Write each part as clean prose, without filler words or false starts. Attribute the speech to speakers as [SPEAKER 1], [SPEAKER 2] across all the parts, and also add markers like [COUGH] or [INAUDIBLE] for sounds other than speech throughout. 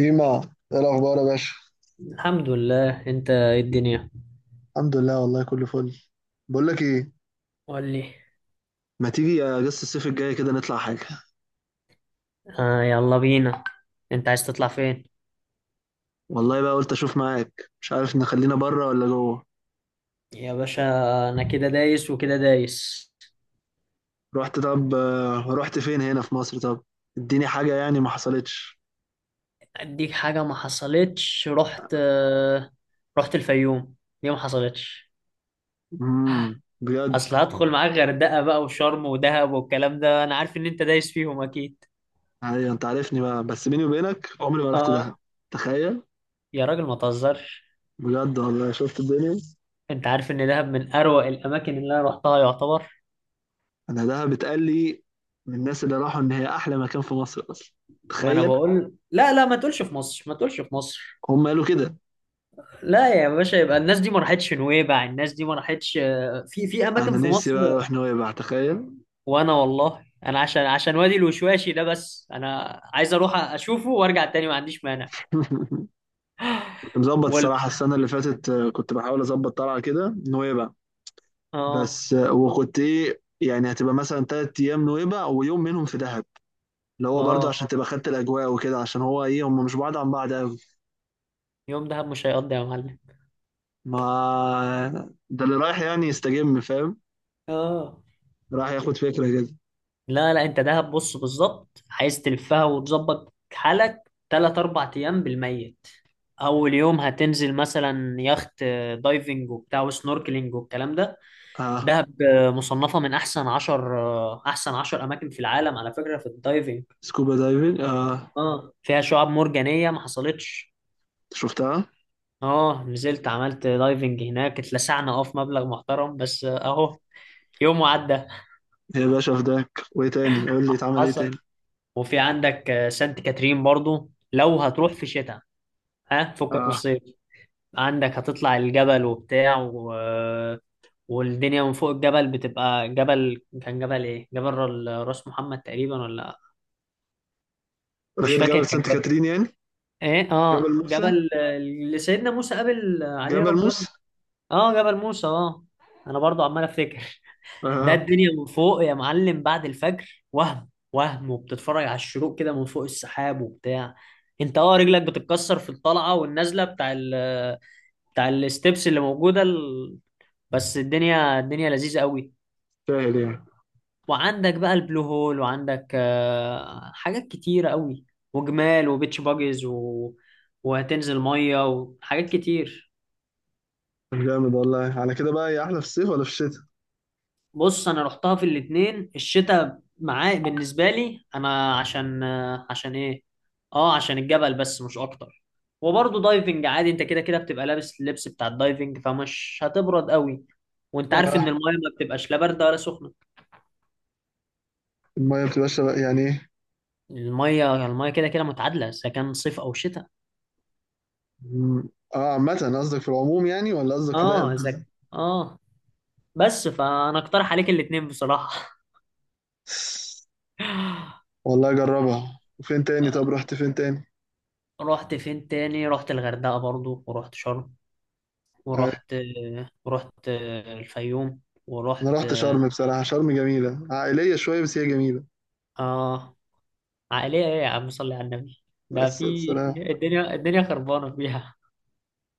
[SPEAKER 1] إيما، إيه الأخبار يا باشا؟
[SPEAKER 2] الحمد لله. انت ايه الدنيا؟
[SPEAKER 1] الحمد لله، والله كله فل. بقول لك إيه،
[SPEAKER 2] قول لي.
[SPEAKER 1] ما تيجي أجازة الصيف الجاية كده نطلع حاجة؟
[SPEAKER 2] آه، يلا بينا. انت عايز تطلع فين؟
[SPEAKER 1] والله بقى قلت أشوف معاك، مش عارف نخلينا بره ولا جوه.
[SPEAKER 2] يا باشا، انا كده دايس وكده دايس.
[SPEAKER 1] رحت طب آه، رحت فين؟ هنا في مصر؟ طب اديني حاجة يعني ما حصلتش.
[SPEAKER 2] اديك حاجة ما حصلتش. رحت الفيوم. ليه ما حصلتش؟
[SPEAKER 1] بجد.
[SPEAKER 2] اصل هدخل معاك غردقة بقى وشرم ودهب والكلام ده، انا عارف ان انت دايس فيهم اكيد.
[SPEAKER 1] أيوة أنت عارفني بقى، بس بيني وبينك عمري ما رحت دهب.
[SPEAKER 2] اه،
[SPEAKER 1] تخيل.
[SPEAKER 2] يا راجل ما تهزرش.
[SPEAKER 1] بجد والله شفت الدنيا.
[SPEAKER 2] انت عارف ان دهب من اروع الاماكن اللي انا رحتها يعتبر.
[SPEAKER 1] أنا دهب اتقال لي من الناس اللي راحوا إن هي أحلى مكان في مصر أصلا.
[SPEAKER 2] ما انا
[SPEAKER 1] تخيل.
[SPEAKER 2] بقول لا، لا ما تقولش في مصر، ما تقولش في مصر.
[SPEAKER 1] هم قالوا كده.
[SPEAKER 2] لا يا باشا، يبقى الناس دي ما راحتش نويبع، الناس دي ما راحتش. في اماكن
[SPEAKER 1] أنا
[SPEAKER 2] في
[SPEAKER 1] نفسي
[SPEAKER 2] مصر.
[SPEAKER 1] بقى أروح نويبع، تخيل.
[SPEAKER 2] وانا والله انا عشان وادي الوشواشي ده بس، انا عايز اروح اشوفه وارجع تاني، ما عنديش مانع.
[SPEAKER 1] [LAUGHS] كنت مظبط
[SPEAKER 2] وال...
[SPEAKER 1] الصراحة السنة اللي فاتت، كنت بحاول أظبط طلعة كده نويبع.
[SPEAKER 2] اه
[SPEAKER 1] بس وكنت إيه يعني، هتبقى مثلا تلات أيام نويبع ويوم منهم في دهب، اللي هو برضه
[SPEAKER 2] اه،
[SPEAKER 1] عشان تبقى خدت الأجواء وكده، عشان هو إيه، هم مش بعاد عن بعض أوي.
[SPEAKER 2] يوم دهب مش هيقضي يا معلم.
[SPEAKER 1] ما [LAUGHS] ده اللي رايح يعني يستجم، فاهم.
[SPEAKER 2] اه،
[SPEAKER 1] رايح ياخد فكرة كده.
[SPEAKER 2] لا لا، انت دهب بص بالظبط عايز تلفها وتظبط حالك تلات اربع ايام بالميت. اول يوم هتنزل مثلا يخت، دايفنج وبتاع وسنوركلينج والكلام ده.
[SPEAKER 1] آه.
[SPEAKER 2] دهب مصنفة من أحسن عشر، أحسن عشر أماكن في العالم على فكرة في الدايفنج.
[SPEAKER 1] سكوبا دايفنج، آه.
[SPEAKER 2] اه فيها شعاب مرجانية ما حصلتش.
[SPEAKER 1] شفتها.
[SPEAKER 2] اه نزلت عملت دايفنج هناك، اتلسعنا اه في مبلغ محترم بس، اهو يوم وعدى.
[SPEAKER 1] يا باشا فداك، وإيه تاني؟ قول لي اتعمل إيه
[SPEAKER 2] حصل.
[SPEAKER 1] تاني.
[SPEAKER 2] وفي عندك سانت كاترين برضو لو هتروح في شتاء. ها فكك من
[SPEAKER 1] آه.
[SPEAKER 2] الصيف. عندك هتطلع الجبل وبتاع والدنيا من فوق الجبل بتبقى. جبل كان، جبل ايه، جبل راس محمد تقريبا ولا... مش
[SPEAKER 1] غير
[SPEAKER 2] فاكر
[SPEAKER 1] جبل
[SPEAKER 2] كان
[SPEAKER 1] سانت كاترين يعني؟
[SPEAKER 2] ايه.
[SPEAKER 1] جبل
[SPEAKER 2] اه
[SPEAKER 1] موسى.
[SPEAKER 2] جبل اللي سيدنا موسى قابل عليه
[SPEAKER 1] جبل
[SPEAKER 2] ربنا.
[SPEAKER 1] موسى.
[SPEAKER 2] اه جبل موسى. اه انا برضو عمال افتكر. ده
[SPEAKER 1] آه.
[SPEAKER 2] الدنيا من فوق يا معلم بعد الفجر، وهم وبتتفرج على الشروق كده من فوق السحاب وبتاع. انت اه رجلك بتتكسر في الطلعه والنازله بتاع بتاع الستبس اللي موجوده بس الدنيا لذيذه قوي.
[SPEAKER 1] سهل يعني.
[SPEAKER 2] وعندك بقى البلو هول، وعندك حاجات كتيره قوي، وجمال وبيتش باجز وهتنزل ميه وحاجات كتير.
[SPEAKER 1] طب جامد والله، على كده بقى هي احلى في الصيف ولا في الشتاء؟
[SPEAKER 2] بص انا رحتها في الاتنين، الشتاء معايا بالنسبه لي انا عشان ايه؟ اه عشان الجبل بس مش اكتر. وبرضه دايفنج عادي، انت كده كده بتبقى لابس اللبس بتاع الدايفنج فمش هتبرد قوي. وانت عارف
[SPEAKER 1] آه.
[SPEAKER 2] ان المايه ما بتبقاش لا بارده ولا سخنه.
[SPEAKER 1] الميه بتبقى شبه يعني ايه؟
[SPEAKER 2] المايه كده كده متعادله اذا كان صيف او شتاء.
[SPEAKER 1] مم. اه، عامة قصدك في العموم يعني ولا قصدك في دهب؟
[SPEAKER 2] اه اه، بس فانا اقترح عليك الاتنين بصراحه. [LAUGHS]
[SPEAKER 1] والله اجربها. وفين تاني؟ طب رحت فين تاني؟
[SPEAKER 2] رحت فين تاني؟ رحت الغردقه برضو، ورحت شرم،
[SPEAKER 1] آه.
[SPEAKER 2] ورحت ورحت الفيوم.
[SPEAKER 1] انا
[SPEAKER 2] ورحت
[SPEAKER 1] رحت شرم، بصراحة شرم جميلة عائلية شوية، بس هي جميلة.
[SPEAKER 2] اه، عائلية ايه يا عم صلي على النبي؟ ده
[SPEAKER 1] بس
[SPEAKER 2] في
[SPEAKER 1] سلام.
[SPEAKER 2] الدنيا خربانة فيها.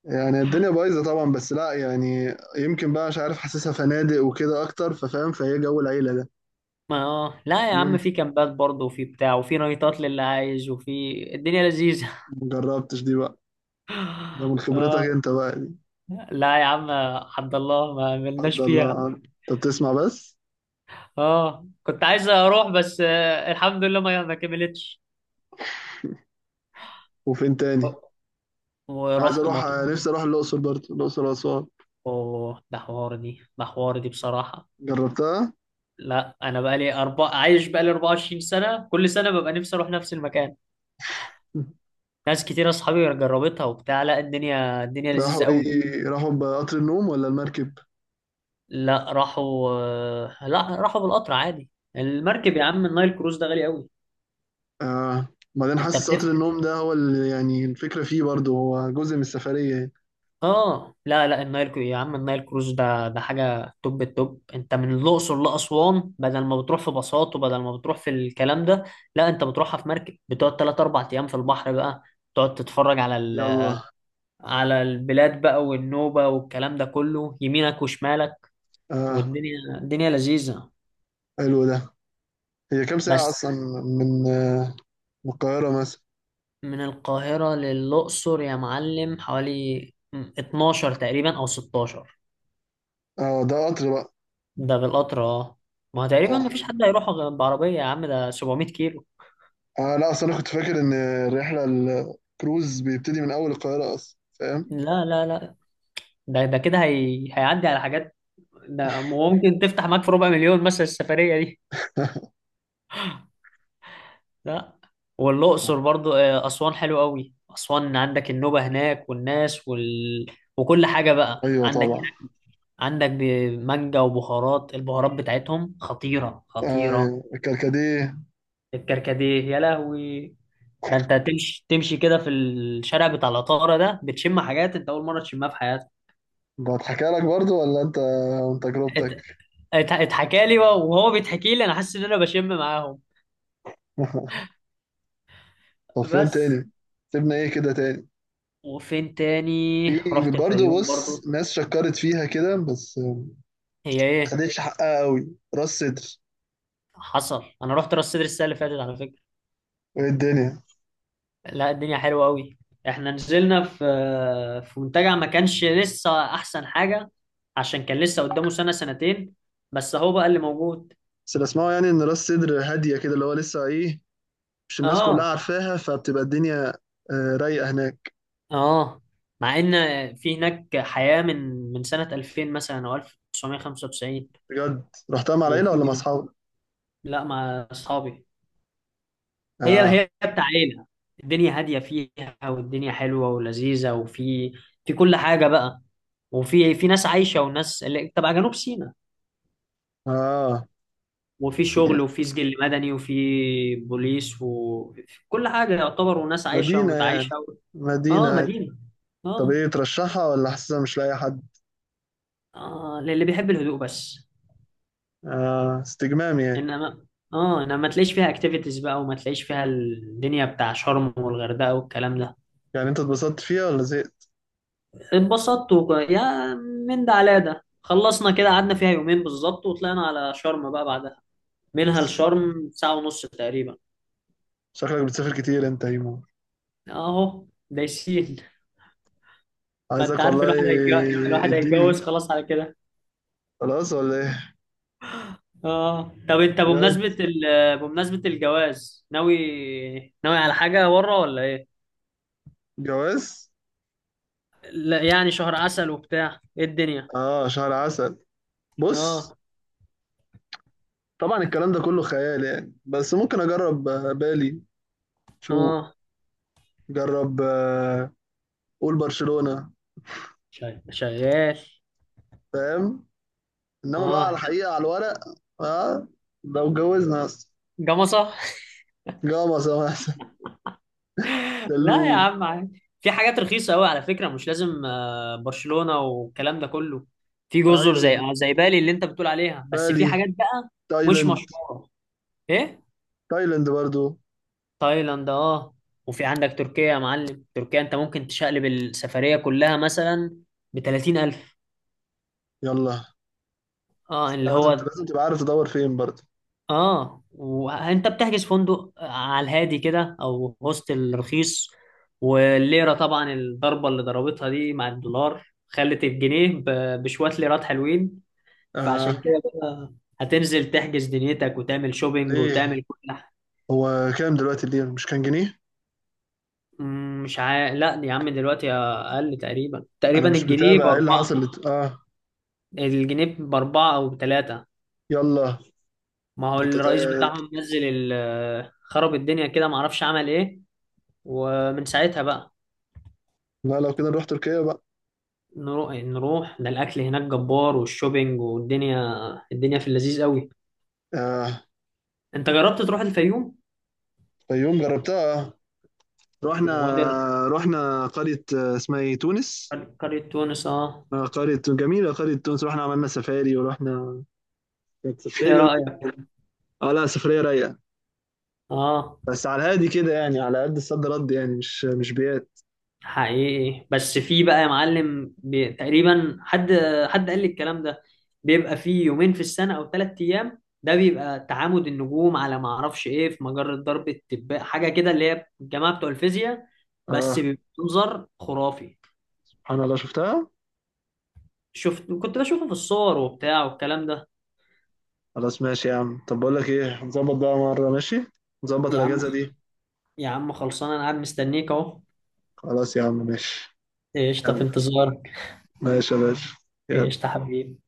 [SPEAKER 1] يعني الدنيا بايظة طبعا، بس لا، يعني يمكن بقى مش عارف، حاسسها فنادق وكده اكتر ففاهم، فهي جو العيلة ده.
[SPEAKER 2] ما اه لا يا عم،
[SPEAKER 1] يمكن.
[SPEAKER 2] في كامبات برضه، وفي بتاع، وفي نايتات للي عايز، وفي الدنيا لذيذة.
[SPEAKER 1] مجربتش دي بقى. ده من
[SPEAKER 2] [LAUGHS]
[SPEAKER 1] خبرتك
[SPEAKER 2] اه،
[SPEAKER 1] انت بقى دي؟
[SPEAKER 2] لا يا عم، عبد الله ما عملناش
[SPEAKER 1] حد
[SPEAKER 2] فيها.
[SPEAKER 1] الله، انت بتسمع بس.
[SPEAKER 2] اه كنت عايز اروح بس، الحمد لله ما كملتش.
[SPEAKER 1] وفين تاني؟ عايز
[SPEAKER 2] ورحت
[SPEAKER 1] اروح.
[SPEAKER 2] مطروح.
[SPEAKER 1] نفسي اروح الاقصر برضه، الاقصر واسوان.
[SPEAKER 2] اوه ده حوار دي، ده حوار دي بصراحة.
[SPEAKER 1] جربتها؟
[SPEAKER 2] لا انا بقالي عايش بقالي 24 سنه، كل سنه ببقى نفسي اروح نفس المكان. ناس كتير اصحابي جربتها وبتاع، لا الدنيا لذيذه
[SPEAKER 1] راحوا
[SPEAKER 2] قوي.
[SPEAKER 1] ايه؟ راحوا بقطر النوم ولا المركب؟
[SPEAKER 2] لا راحوا لا راحوا بالقطر عادي. المركب يا عم النايل كروز ده غالي قوي.
[SPEAKER 1] آه. بعدين
[SPEAKER 2] انت
[SPEAKER 1] حاسس قطر
[SPEAKER 2] بتفهم.
[SPEAKER 1] النوم ده هو اللي يعني الفكرة فيه، برضه هو جزء من السفرية يعني.
[SPEAKER 2] اه، لا النايل يا عم النايل كروز ده ده حاجه توب التوب. انت من الاقصر لاسوان بدل ما بتروح في باصات، وبدل ما بتروح في الكلام ده، لا انت بتروحها في مركب، بتقعد 3 4 ايام في البحر بقى، تقعد تتفرج على
[SPEAKER 1] يلا.
[SPEAKER 2] على البلاد بقى والنوبة والكلام ده كله يمينك وشمالك.
[SPEAKER 1] آه.
[SPEAKER 2] والدنيا الدنيا لذيذة.
[SPEAKER 1] حلو ده. هي كام ساعة
[SPEAKER 2] بس
[SPEAKER 1] أصلا؟ من آه من القاهرة مثلا.
[SPEAKER 2] من القاهرة للأقصر يا معلم حوالي 12 تقريبا أو 16.
[SPEAKER 1] اه ده قطر بقى.
[SPEAKER 2] ده بالقطر اه. ما هو تقريبا
[SPEAKER 1] آه.
[SPEAKER 2] ما فيش حد هيروح بعربية يا عم، ده 700 كيلو.
[SPEAKER 1] اه لا، اصل انا كنت فاكر ان الرحلة الكروز بيبتدي من اول القاهرة اصلا، فاهم.
[SPEAKER 2] لا، لا، لا، ده كده هيعدي على حاجات. ده ممكن تفتح معاك في 250,000 مثلا السفرية.
[SPEAKER 1] [LAUGHS]
[SPEAKER 2] لا، والأقصر برضو، أسوان حلو قوي. أسوان عندك النوبة هناك والناس وكل حاجة بقى
[SPEAKER 1] ايوه
[SPEAKER 2] عندك.
[SPEAKER 1] طبعا.
[SPEAKER 2] عندك مانجا وبهارات. البهارات بتاعتهم خطيرة خطيرة.
[SPEAKER 1] ايوه الكركديه.
[SPEAKER 2] الكركديه يا لهوي. ده انت تمشي كده في الشارع بتاع العطارة ده، بتشم حاجات انت أول مرة تشمها في حياتك.
[SPEAKER 1] ده اتحكى لك برضو ولا انت من تجربتك؟
[SPEAKER 2] ات- اتحكى لي بقى، وهو بيتحكي لي أنا حاسس إن أنا بشم معاهم.
[SPEAKER 1] [LAUGHS] طب فين
[SPEAKER 2] بس.
[SPEAKER 1] تاني؟ سيبنا ايه كده تاني؟
[SPEAKER 2] وفين تاني؟
[SPEAKER 1] في
[SPEAKER 2] رحت
[SPEAKER 1] برضو،
[SPEAKER 2] الفيوم
[SPEAKER 1] بص،
[SPEAKER 2] برضو.
[SPEAKER 1] ناس شكرت فيها كده بس ما
[SPEAKER 2] هي ايه؟
[SPEAKER 1] خدتش حقها قوي، راس صدر.
[SPEAKER 2] حصل، انا رحت راس سدر السنه اللي فاتت على فكره.
[SPEAKER 1] ايه الدنيا؟
[SPEAKER 2] لا الدنيا حلوه قوي. احنا نزلنا في منتجع ما كانش لسه احسن حاجه، عشان كان لسه قدامه سنه سنتين، بس هو بقى اللي موجود.
[SPEAKER 1] بس اللي اسمعه يعني ان راس صدر هادية كده، اللي هو لسه ايه، مش الناس كلها
[SPEAKER 2] اه
[SPEAKER 1] عارفاها، فبتبقى الدنيا رايقة هناك.
[SPEAKER 2] اه، مع ان في هناك حياه من سنه 2000 مثلا او 1995.
[SPEAKER 1] بجد؟ رحتها مع العيلة ولا مع
[SPEAKER 2] وفي
[SPEAKER 1] اصحابك؟
[SPEAKER 2] لا مع اصحابي. هي
[SPEAKER 1] اه.
[SPEAKER 2] بتاع عيلة. الدنيا هادية فيها، والدنيا حلوة ولذيذة، وفي كل حاجة بقى. وفي ناس عايشة وناس اللي تبع جنوب سيناء،
[SPEAKER 1] اه
[SPEAKER 2] وفي شغل، وفي سجل مدني، وفي بوليس، وفي كل حاجة يعتبر، وناس عايشة
[SPEAKER 1] مدينة يعني.
[SPEAKER 2] ومتعايشة
[SPEAKER 1] مدينة
[SPEAKER 2] اه
[SPEAKER 1] عادي.
[SPEAKER 2] مدينة.
[SPEAKER 1] طب
[SPEAKER 2] اه.
[SPEAKER 1] ايه، ترشحها ولا حاسسها مش لاقي حد؟
[SPEAKER 2] اه للي بيحب الهدوء بس.
[SPEAKER 1] آه استجمام يعني.
[SPEAKER 2] انما اه انما ما تلاقيش فيها اكتيفيتيز بقى، وما تلاقيش فيها الدنيا بتاع شرم والغردقة والكلام ده.
[SPEAKER 1] يعني انت اتبسطت فيها ولا زهقت؟
[SPEAKER 2] اتبسطت يا من ده على ده، خلصنا كده قعدنا فيها يومين بالظبط، وطلعنا على شرم بقى بعدها. منها لشرم ساعة ونص تقريبا.
[SPEAKER 1] شكلك بتسافر كتير انت يا هيمو.
[SPEAKER 2] اهو دايسين. ما انت
[SPEAKER 1] عايزك
[SPEAKER 2] عارف
[SPEAKER 1] والله.
[SPEAKER 2] الواحد هيتجوز، الواحد
[SPEAKER 1] اديني.
[SPEAKER 2] هيتجوز خلاص على كده.
[SPEAKER 1] خلاص ولا ايه؟
[SPEAKER 2] اه، طب انت
[SPEAKER 1] بجد.
[SPEAKER 2] بمناسبة بمناسبة الجواز، ناوي... ناوي على حاجة ورا ولا ايه؟
[SPEAKER 1] جواز.
[SPEAKER 2] لا يعني شهر عسل وبتاع، ايه الدنيا؟
[SPEAKER 1] اه شهر عسل. بص.
[SPEAKER 2] اه
[SPEAKER 1] طبعا الكلام ده كله خيال يعني، بس ممكن اجرب بالي. شو.
[SPEAKER 2] اه،
[SPEAKER 1] جرب. قول برشلونة.
[SPEAKER 2] شغال شغال.
[SPEAKER 1] فاهم. انما بقى
[SPEAKER 2] اه
[SPEAKER 1] على
[SPEAKER 2] ده
[SPEAKER 1] الحقيقة على الورق. اه. لو اتجوزنا اصلا.
[SPEAKER 2] جمصة.
[SPEAKER 1] جامصة مثلا.
[SPEAKER 2] لا يا
[SPEAKER 1] سلوم.
[SPEAKER 2] عم عادي، في حاجات رخيصة قوي على فكرة، مش لازم برشلونة والكلام ده كله. في جزر
[SPEAKER 1] ايوه
[SPEAKER 2] زي،
[SPEAKER 1] تمام.
[SPEAKER 2] زي بالي اللي انت بتقول عليها، بس في حاجات
[SPEAKER 1] بالي.
[SPEAKER 2] بقى مش
[SPEAKER 1] تايلاند.
[SPEAKER 2] مشهورة. ايه
[SPEAKER 1] تايلاند برضو.
[SPEAKER 2] تايلاند. اه وفي عندك تركيا يا معلم. تركيا انت ممكن تشقلب السفرية كلها مثلا ب 30,000.
[SPEAKER 1] يلا.
[SPEAKER 2] اه اللي
[SPEAKER 1] لازم
[SPEAKER 2] هو،
[SPEAKER 1] لازم تبقى عارف تدور فين برضه.
[SPEAKER 2] اه وانت بتحجز فندق على الهادي كده او هوستل رخيص. والليره طبعا الضربه اللي ضربتها دي مع الدولار خلت الجنيه بشويه ليرات حلوين.
[SPEAKER 1] آه.
[SPEAKER 2] فعشان كده بقى هتنزل تحجز دنيتك وتعمل شوبينج
[SPEAKER 1] ليه؟
[SPEAKER 2] وتعمل كل حاجه.
[SPEAKER 1] هو كام دلوقتي الليرة، مش كان جنيه؟
[SPEAKER 2] مش لا يا عم دلوقتي اقل تقريبا،
[SPEAKER 1] انا
[SPEAKER 2] تقريبا
[SPEAKER 1] مش
[SPEAKER 2] الجنيه
[SPEAKER 1] متابع ايه اللي
[SPEAKER 2] باربعه.
[SPEAKER 1] حصل
[SPEAKER 2] الجنيه باربعه او بثلاثه.
[SPEAKER 1] يلا.
[SPEAKER 2] ما هو
[SPEAKER 1] ده انت
[SPEAKER 2] الرئيس بتاعهم نزل خرب الدنيا كده معرفش عمل ايه، ومن ساعتها بقى.
[SPEAKER 1] لا لو كده نروح تركيا بقى.
[SPEAKER 2] نروح ده الاكل هناك جبار، والشوبينج والدنيا، الدنيا في اللذيذ قوي.
[SPEAKER 1] آه.
[SPEAKER 2] انت جربت تروح الفيوم؟
[SPEAKER 1] يوم جربتها. رحنا
[SPEAKER 2] وادر.
[SPEAKER 1] رحنا قرية، اسمها ايه، تونس.
[SPEAKER 2] قرية تونس، اه.
[SPEAKER 1] آه قرية جميلة، قرية تونس. رحنا عملنا سفاري ورحنا. كانت
[SPEAKER 2] ايه
[SPEAKER 1] سفرية
[SPEAKER 2] رأيك؟
[SPEAKER 1] جميلة. اه لا، سفرية رايقة.
[SPEAKER 2] اه.
[SPEAKER 1] بس على الهادي كده يعني، على قد الصد رد يعني، مش بيات.
[SPEAKER 2] حقيقي بس في بقى يا معلم تقريبا حد، قال لي الكلام ده، بيبقى فيه يومين في السنة او 3 ايام، ده بيبقى تعامد النجوم على ما اعرفش ايه في مجرة درب التباء، حاجة كده اللي هي الجماعة بتوع الفيزياء. بس
[SPEAKER 1] اه.
[SPEAKER 2] بيبقى منظر خرافي.
[SPEAKER 1] سبحان الله شفتها.
[SPEAKER 2] شفت كنت بشوفه في الصور وبتاع والكلام ده.
[SPEAKER 1] خلاص ماشي يا عم، طب بقول لك ايه، نظبط بقى مرة، ماشي. نظبط
[SPEAKER 2] يا
[SPEAKER 1] الأجازة
[SPEAKER 2] عم،
[SPEAKER 1] دي.
[SPEAKER 2] خلصان انا قاعد مستنيك اهو.
[SPEAKER 1] خلاص يا عم ماشي.
[SPEAKER 2] قشطة في
[SPEAKER 1] يلا
[SPEAKER 2] انتظارك.
[SPEAKER 1] ماشي يا باشا. يلا.
[SPEAKER 2] قشطة حبيبي.